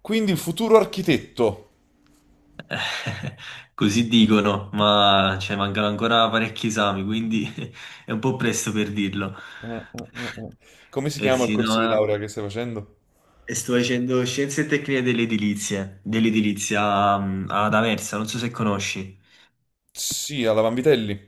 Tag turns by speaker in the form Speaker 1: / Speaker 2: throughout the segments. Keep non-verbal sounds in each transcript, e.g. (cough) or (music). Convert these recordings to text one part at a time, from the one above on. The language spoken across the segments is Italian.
Speaker 1: Quindi il futuro architetto.
Speaker 2: (laughs) Così dicono, ma cioè, mancano ancora parecchi esami, quindi (laughs) è un po' presto per dirlo.
Speaker 1: Mm, mm, mm. Come si
Speaker 2: Eh
Speaker 1: chiama il
Speaker 2: sì,
Speaker 1: corso di
Speaker 2: no,
Speaker 1: laurea che stai facendo?
Speaker 2: sto facendo scienze e tecniche dell'edilizia, dell'edilizia, ad Aversa, non so se conosci.
Speaker 1: Sì, alla Vanvitelli.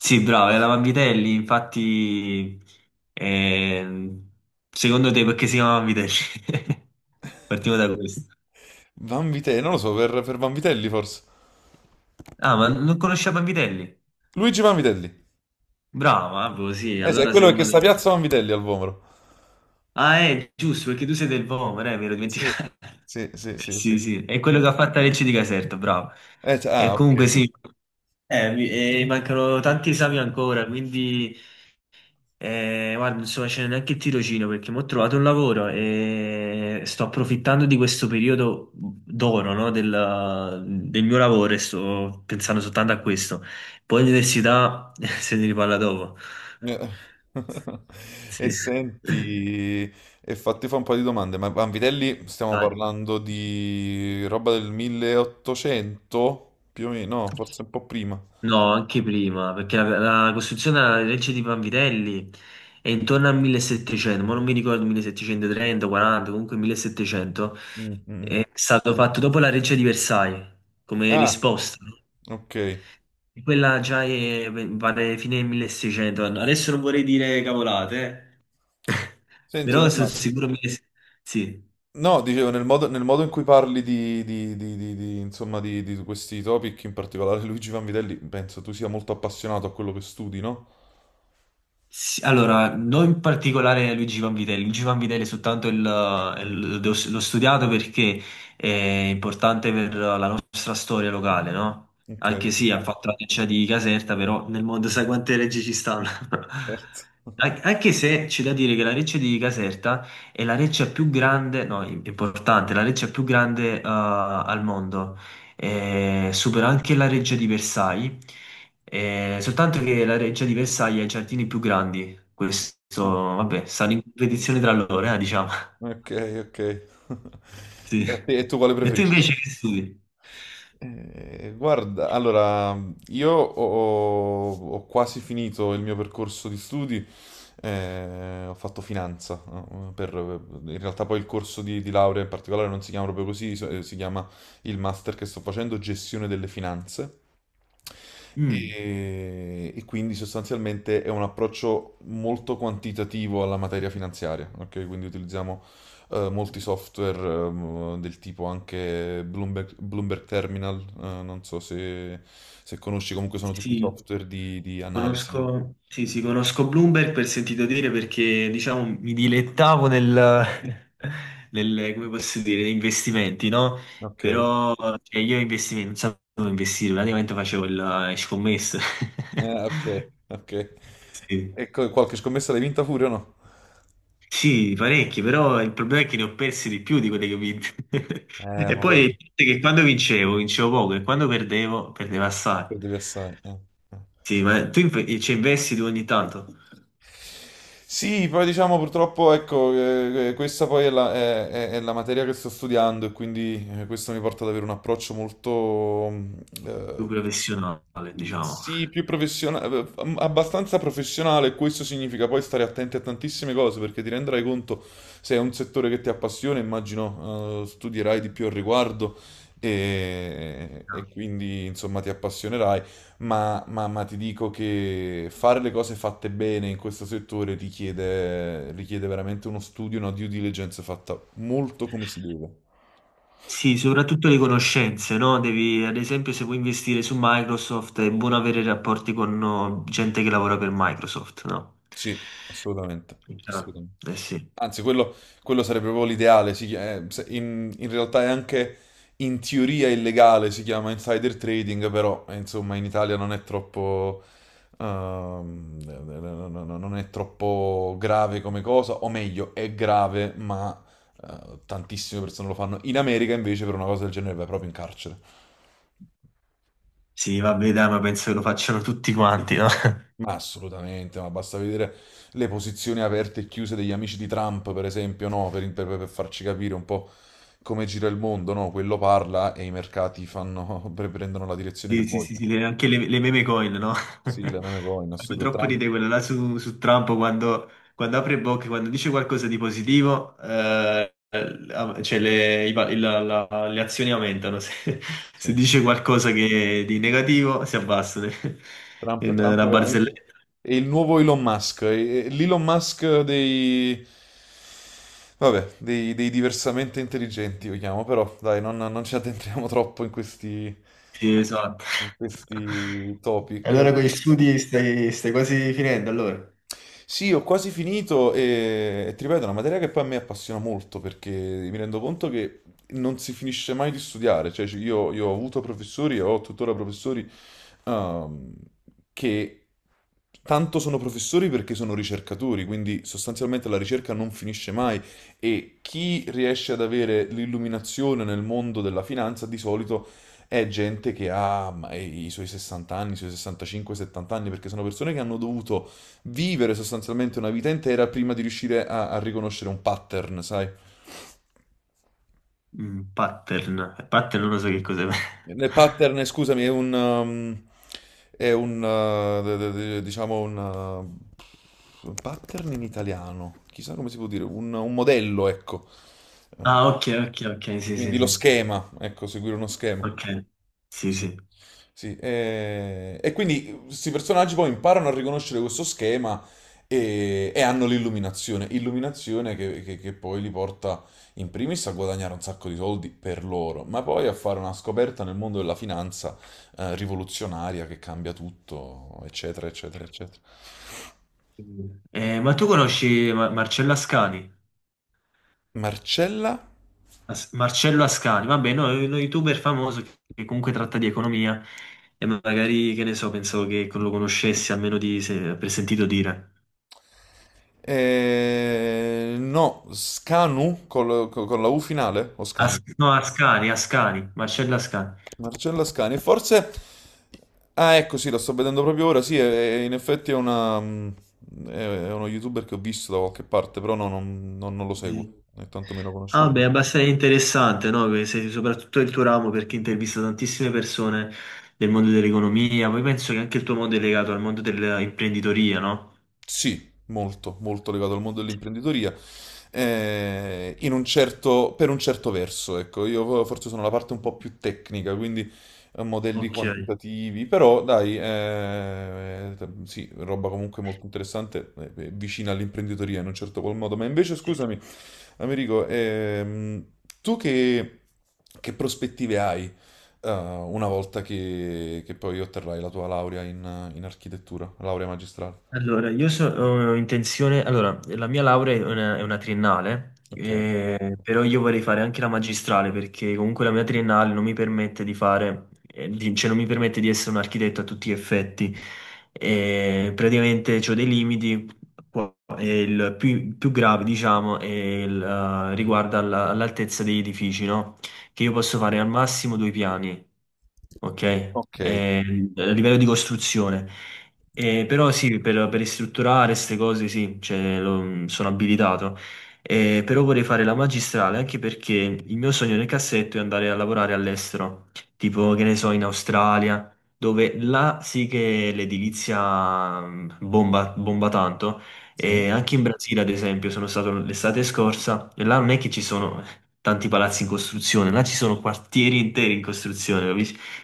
Speaker 2: Sì, bravo, è la Vanvitelli, infatti. ehm, Secondo te perché si chiama Vanvitelli? (laughs) Partiamo da questo.
Speaker 1: Vanvitelli, non lo so, per Vanvitelli forse.
Speaker 2: Ah, ma non conosci la Vanvitelli?
Speaker 1: Luigi Vanvitelli.
Speaker 2: Bravo, ah, boh, sì,
Speaker 1: Eh sì, è
Speaker 2: allora sei
Speaker 1: quello che
Speaker 2: uno
Speaker 1: sta a
Speaker 2: dei...
Speaker 1: Piazza Vanvitelli al Vomero.
Speaker 2: Ah, è giusto, perché tu sei del Vomero, mi ero
Speaker 1: Sì,
Speaker 2: dimenticato. (laughs)
Speaker 1: sì, sì, sì, sì.
Speaker 2: Sì, sì, è quello che ha fatto la legge di Caserta, bravo. E
Speaker 1: Ok.
Speaker 2: comunque sì, mi mancano tanti esami ancora, quindi guarda, non sto facendo neanche il tirocinio perché mi ho trovato un lavoro e sto approfittando di questo periodo d'oro, no, del mio lavoro e sto pensando soltanto a questo. Poi l'università (laughs) se ne riparla dopo.
Speaker 1: Eh. (laughs) E
Speaker 2: Sì.
Speaker 1: senti, e fatti fa un po' di domande, ma Vanvitelli
Speaker 2: (laughs)
Speaker 1: stiamo
Speaker 2: Dai.
Speaker 1: parlando di roba del 1800? Più o meno, no, forse un po' prima.
Speaker 2: No, anche prima, perché la costruzione della legge di Vanvitelli è intorno al 1700, ma non mi ricordo 1730, 40, comunque 1700,
Speaker 1: Mm, mm, mm.
Speaker 2: è stato fatto dopo la legge di Versailles, come
Speaker 1: Ah,
Speaker 2: risposta, no?
Speaker 1: ok.
Speaker 2: E quella già è, vale fine 1600, adesso non vorrei dire cavolate, eh. (laughs)
Speaker 1: Senti,
Speaker 2: Però
Speaker 1: ma
Speaker 2: sono
Speaker 1: ma-
Speaker 2: sicuro 1600, sì.
Speaker 1: no, dicevo, nel modo in cui parli di- insomma, di questi topic, in particolare Luigi Vanvitelli, penso tu sia molto appassionato a quello che studi, no?
Speaker 2: Sì, allora, non in particolare Luigi Vanvitelli, Luigi Vanvitelli è soltanto l'ho studiato perché è importante per la nostra storia locale, no?
Speaker 1: Ok,
Speaker 2: Anche sì, ha fatto la deccia di Caserta, però nel mondo sai quante leggi ci stanno.
Speaker 1: certo.
Speaker 2: (laughs)
Speaker 1: (laughs)
Speaker 2: Anche se c'è da dire che la Recce di Caserta è la reccia più grande, no, importante, la reccia più grande al mondo, supera anche la reggia di Versailles, soltanto che la reggia di Versailles ha i giardini più grandi. Questo,
Speaker 1: Ok,
Speaker 2: vabbè, stanno in competizione tra loro, diciamo. (laughs)
Speaker 1: ok, ok. (laughs)
Speaker 2: Sì.
Speaker 1: E tu quale
Speaker 2: E tu
Speaker 1: preferisci?
Speaker 2: invece che studi?
Speaker 1: Guarda, allora, io ho quasi finito il mio percorso di studi, ho fatto finanza, no? In realtà poi il corso di laurea in particolare non si chiama proprio così, si chiama il master che sto facendo, gestione delle finanze.
Speaker 2: Mm.
Speaker 1: E quindi sostanzialmente è un approccio molto quantitativo alla materia finanziaria, ok? Quindi utilizziamo molti software, del tipo anche Bloomberg, Bloomberg Terminal, non so se, se conosci, comunque sono tutti
Speaker 2: Sì.
Speaker 1: software di analisi.
Speaker 2: Conosco, sì, sì, conosco Bloomberg per sentito dire perché, diciamo, mi dilettavo nel, (laughs) come posso dire, negli investimenti, no?
Speaker 1: Ok,
Speaker 2: Però, cioè, io investimenti, non sapevo dove investire, praticamente facevo le scommesse. (laughs)
Speaker 1: ok, ok.
Speaker 2: Sì.
Speaker 1: Qualche scommessa l'hai vinta pure o no?
Speaker 2: Sì, parecchi, però il problema è che ne ho persi di più di quelle che ho vinto. (laughs) E
Speaker 1: Ma
Speaker 2: poi il
Speaker 1: guarda,
Speaker 2: fatto è che quando vincevo, vincevo poco, e quando perdevo, perdevo assai.
Speaker 1: perdevi assai. Eh, eh.
Speaker 2: Sì, ma tu ci investi tu ogni tanto?
Speaker 1: Sì, poi diciamo purtroppo, ecco, questa poi è è la materia che sto studiando e quindi questo mi porta ad avere un approccio molto, mm, eh,
Speaker 2: Più professionale, diciamo.
Speaker 1: sì, più professionale, abbastanza professionale. Questo significa poi stare attenti a tantissime cose perché ti renderai conto se è un settore che ti appassiona, immagino, studierai di più al riguardo e quindi, insomma, ti appassionerai ma ti dico che fare le cose fatte bene in questo settore richiede veramente uno studio, una due diligence fatta molto come si deve.
Speaker 2: Sì, soprattutto le conoscenze, no? Devi, ad esempio, se vuoi investire su Microsoft, è buono avere rapporti con, no, gente che lavora per Microsoft, no?
Speaker 1: Sì, assolutamente,
Speaker 2: Chiaro.
Speaker 1: assolutamente.
Speaker 2: Eh sì.
Speaker 1: Anzi, quello sarebbe proprio l'ideale. In realtà è anche in teoria illegale, si chiama insider trading, però insomma in Italia non è troppo, non è troppo grave come cosa, o meglio, è grave, ma tantissime persone lo fanno. In America invece per una cosa del genere vai proprio in carcere.
Speaker 2: Sì, vabbè, dai, ma penso che lo facciano tutti quanti, no?
Speaker 1: Ma assolutamente, ma basta vedere le posizioni aperte e chiuse degli amici di Trump, per esempio, no? Per farci capire un po' come gira il mondo, no? Quello parla e i mercati fanno, (laughs) prendono la direzione che
Speaker 2: Sì, sì, sì,
Speaker 1: vogliono.
Speaker 2: sì, anche le meme coin, no? (laughs)
Speaker 1: Sì, la meme coin,
Speaker 2: Fanno
Speaker 1: assurdo.
Speaker 2: troppo
Speaker 1: Trump,
Speaker 2: ridere quello là su Trump quando, quando apre bocca, quando dice qualcosa di positivo, cioè le, i pa- il- la- la- le azioni aumentano. (laughs) Se,
Speaker 1: sì,
Speaker 2: se
Speaker 1: sì.
Speaker 2: dice qualcosa che, di negativo, si abbassano. (laughs) È
Speaker 1: Trump,
Speaker 2: una
Speaker 1: Trump
Speaker 2: una
Speaker 1: veramente
Speaker 2: barzelletta.
Speaker 1: è il nuovo Elon Musk, è l'Elon Musk dei... Vabbè, dei diversamente intelligenti, lo chiamo, però dai, non ci addentriamo (laughs) troppo
Speaker 2: Sì, esatto.
Speaker 1: in
Speaker 2: (laughs)
Speaker 1: questi
Speaker 2: E
Speaker 1: topic.
Speaker 2: allora con gli studi stai, stai quasi finendo, allora?
Speaker 1: Sì, ho quasi finito e ti ripeto, è una materia che poi a me appassiona molto perché mi rendo conto che non si finisce mai di studiare, cioè, io ho avuto professori e ho tuttora professori, ehm, che tanto sono professori perché sono ricercatori, quindi sostanzialmente la ricerca non finisce mai e chi riesce ad avere l'illuminazione nel mondo della finanza di solito è gente che ha ma, i suoi 60 anni, i suoi 65, 70 anni, perché sono persone che hanno dovuto vivere sostanzialmente una vita intera prima di riuscire a riconoscere un pattern, sai?
Speaker 2: Mm, pattern. Pattern non lo so che cos'è. (laughs)
Speaker 1: Nel pattern, scusami, è un, diciamo un pattern in italiano, chissà come si può dire, un modello, ecco. Uh,
Speaker 2: Ah, ok, ok, ok, sì, sì,
Speaker 1: quindi lo
Speaker 2: sì.
Speaker 1: schema, ecco, seguire uno schema.
Speaker 2: Ok, sì,
Speaker 1: Sì.
Speaker 2: sì.
Speaker 1: Sì, e, quindi questi personaggi poi imparano a riconoscere questo schema e hanno l'illuminazione, illuminazione che poi li porta in primis a guadagnare un sacco di soldi per loro, ma poi a fare una scoperta nel mondo della finanza rivoluzionaria che cambia tutto, eccetera, eccetera, eccetera.
Speaker 2: Ma tu conosci Marcello Ascani?
Speaker 1: Marcella?
Speaker 2: Marcello Ascani, vabbè, no, è uno youtuber famoso che comunque tratta di economia e magari, che ne so, pensavo che lo conoscessi almeno di, se, per sentito dire.
Speaker 1: No, Scanu con la U finale o Scani?
Speaker 2: No, Ascani, Ascani, Marcello Ascani.
Speaker 1: Marcella Scani, e forse... Ah, ecco, sì, la sto vedendo proprio ora. Sì, in effetti è una... mm, è uno youtuber che ho visto da qualche parte, però no, non lo
Speaker 2: Sì.
Speaker 1: seguo, né tantomeno
Speaker 2: Ah,
Speaker 1: conoscevo.
Speaker 2: beh, è abbastanza interessante, no? Che sei soprattutto il tuo ramo perché intervista tantissime persone del mondo dell'economia. Poi penso che anche il tuo mondo è legato al mondo dell'imprenditoria, no?
Speaker 1: Sì, molto, molto legato al mondo dell'imprenditoria. Per un certo verso, ecco, io forse sono la parte un po' più tecnica, quindi modelli
Speaker 2: Ok.
Speaker 1: quantitativi, però dai, sì, roba comunque molto interessante, vicina all'imprenditoria in un certo qual modo. Ma invece,
Speaker 2: Sì.
Speaker 1: scusami, Americo, tu che prospettive hai, una volta che poi otterrai la tua laurea in architettura, laurea magistrale?
Speaker 2: Allora, ho intenzione, allora, la mia laurea è una triennale,
Speaker 1: Ok.
Speaker 2: però io vorrei fare anche la magistrale perché comunque la mia triennale non mi permette di fare, cioè non mi permette di essere un architetto a tutti gli effetti. Praticamente ho dei limiti, e il più, più grave, diciamo, è il, riguarda all'altezza degli edifici, no? Che io posso fare al massimo due piani. Ok.
Speaker 1: Ok,
Speaker 2: Eh, a livello di costruzione. Però sì, per ristrutturare queste cose sì, cioè, sono abilitato. Però vorrei fare la magistrale anche perché il mio sogno nel cassetto è andare a lavorare all'estero, tipo che ne so, in Australia, dove là sì che l'edilizia bomba, bomba tanto.
Speaker 1: sì,
Speaker 2: E anche in Brasile, ad esempio, sono stato l'estate scorsa e là non è che ci sono tanti palazzi in costruzione, là ci sono quartieri interi in costruzione, ho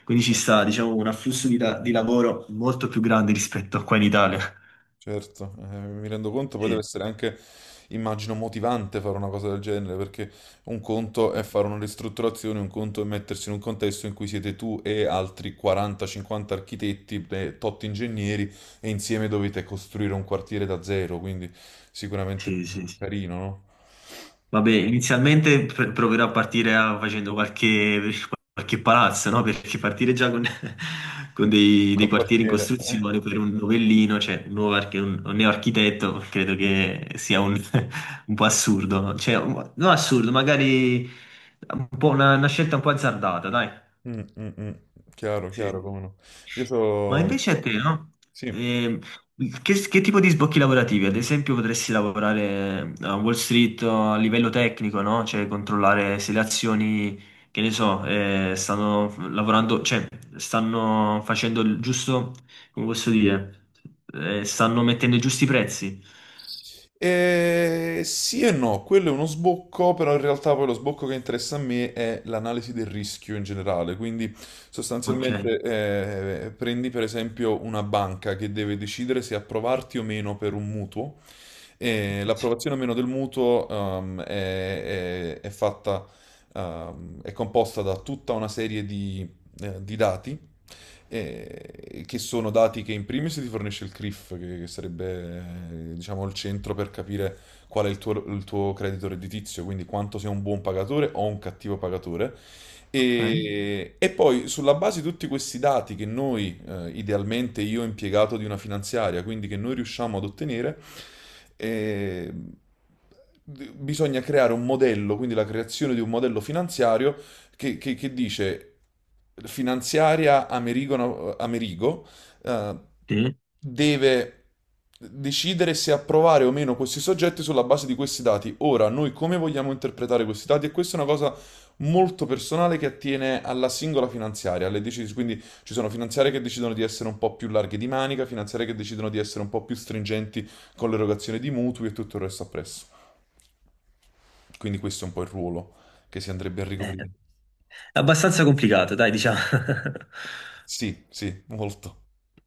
Speaker 2: quindi ci
Speaker 1: sì,
Speaker 2: sta, diciamo, un afflusso di, di lavoro molto più grande rispetto a qua in Italia.
Speaker 1: certo, mi rendo conto, poi deve
Speaker 2: Sì,
Speaker 1: essere anche, immagino, motivante fare una cosa del genere, perché un conto è fare una ristrutturazione, un conto è mettersi in un contesto in cui siete tu e altri 40-50 architetti, e tot ingegneri, e insieme dovete costruire un quartiere da zero, quindi sicuramente
Speaker 2: sì,
Speaker 1: più
Speaker 2: sì, sì.
Speaker 1: carino, no?
Speaker 2: Vabbè, inizialmente proverò a partire facendo qualche, qualche palazzo, no? Perché partire già con, (laughs) con
Speaker 1: Mm,
Speaker 2: dei, dei
Speaker 1: col
Speaker 2: quartieri in
Speaker 1: quartiere. Eh.
Speaker 2: costruzione per un novellino, cioè un nuovo un neoarchitetto, credo che sia un, (laughs) un po' assurdo, no? Cioè, non assurdo, magari un po' una scelta un po' azzardata, dai.
Speaker 1: Mm, mm, mm. Chiaro, chiaro,
Speaker 2: Sì.
Speaker 1: come no. Io
Speaker 2: Ma
Speaker 1: so...
Speaker 2: invece a te, no?
Speaker 1: Sì.
Speaker 2: Ehm, che tipo di sbocchi lavorativi? Ad esempio, potresti lavorare, a Wall Street o a livello tecnico, no? Cioè, controllare se le azioni, che ne so, stanno lavorando, cioè, stanno facendo il giusto, come posso dire. Stanno mettendo i giusti prezzi.
Speaker 1: Sì e no, quello è uno sbocco, però in realtà poi lo sbocco che interessa a me è l'analisi del rischio in generale. Quindi
Speaker 2: Ok.
Speaker 1: sostanzialmente prendi per esempio una banca che deve decidere se approvarti o meno per un mutuo e
Speaker 2: Sì.
Speaker 1: l'approvazione o meno del mutuo è fatta, è composta da tutta una serie di dati, che sono dati che in primis ti fornisce il CRIF, che sarebbe diciamo, il centro per capire qual è il tuo credito redditizio, quindi quanto sei un buon pagatore o un cattivo pagatore.
Speaker 2: Ok.
Speaker 1: E poi sulla base di tutti questi dati che noi, idealmente io impiegato di una finanziaria, quindi che noi riusciamo ad ottenere, eh, bisogna creare un modello, quindi la creazione di un modello finanziario che dice finanziaria Amerigo, Amerigo eh,
Speaker 2: Sì.
Speaker 1: deve decidere se approvare o meno questi soggetti sulla base di questi dati. Ora, noi come vogliamo interpretare questi dati? E questa è una cosa molto personale che attiene alla singola finanziaria, alle decisioni. Quindi ci sono finanziarie che decidono di essere un po' più larghe di manica, finanziarie che decidono di essere un po' più stringenti con l'erogazione di mutui e tutto il resto appresso. Quindi questo è un po' il ruolo che si andrebbe a
Speaker 2: Eh,
Speaker 1: ricoprire.
Speaker 2: è abbastanza complicato, dai, diciamo. (laughs)
Speaker 1: Sì, sì, molto.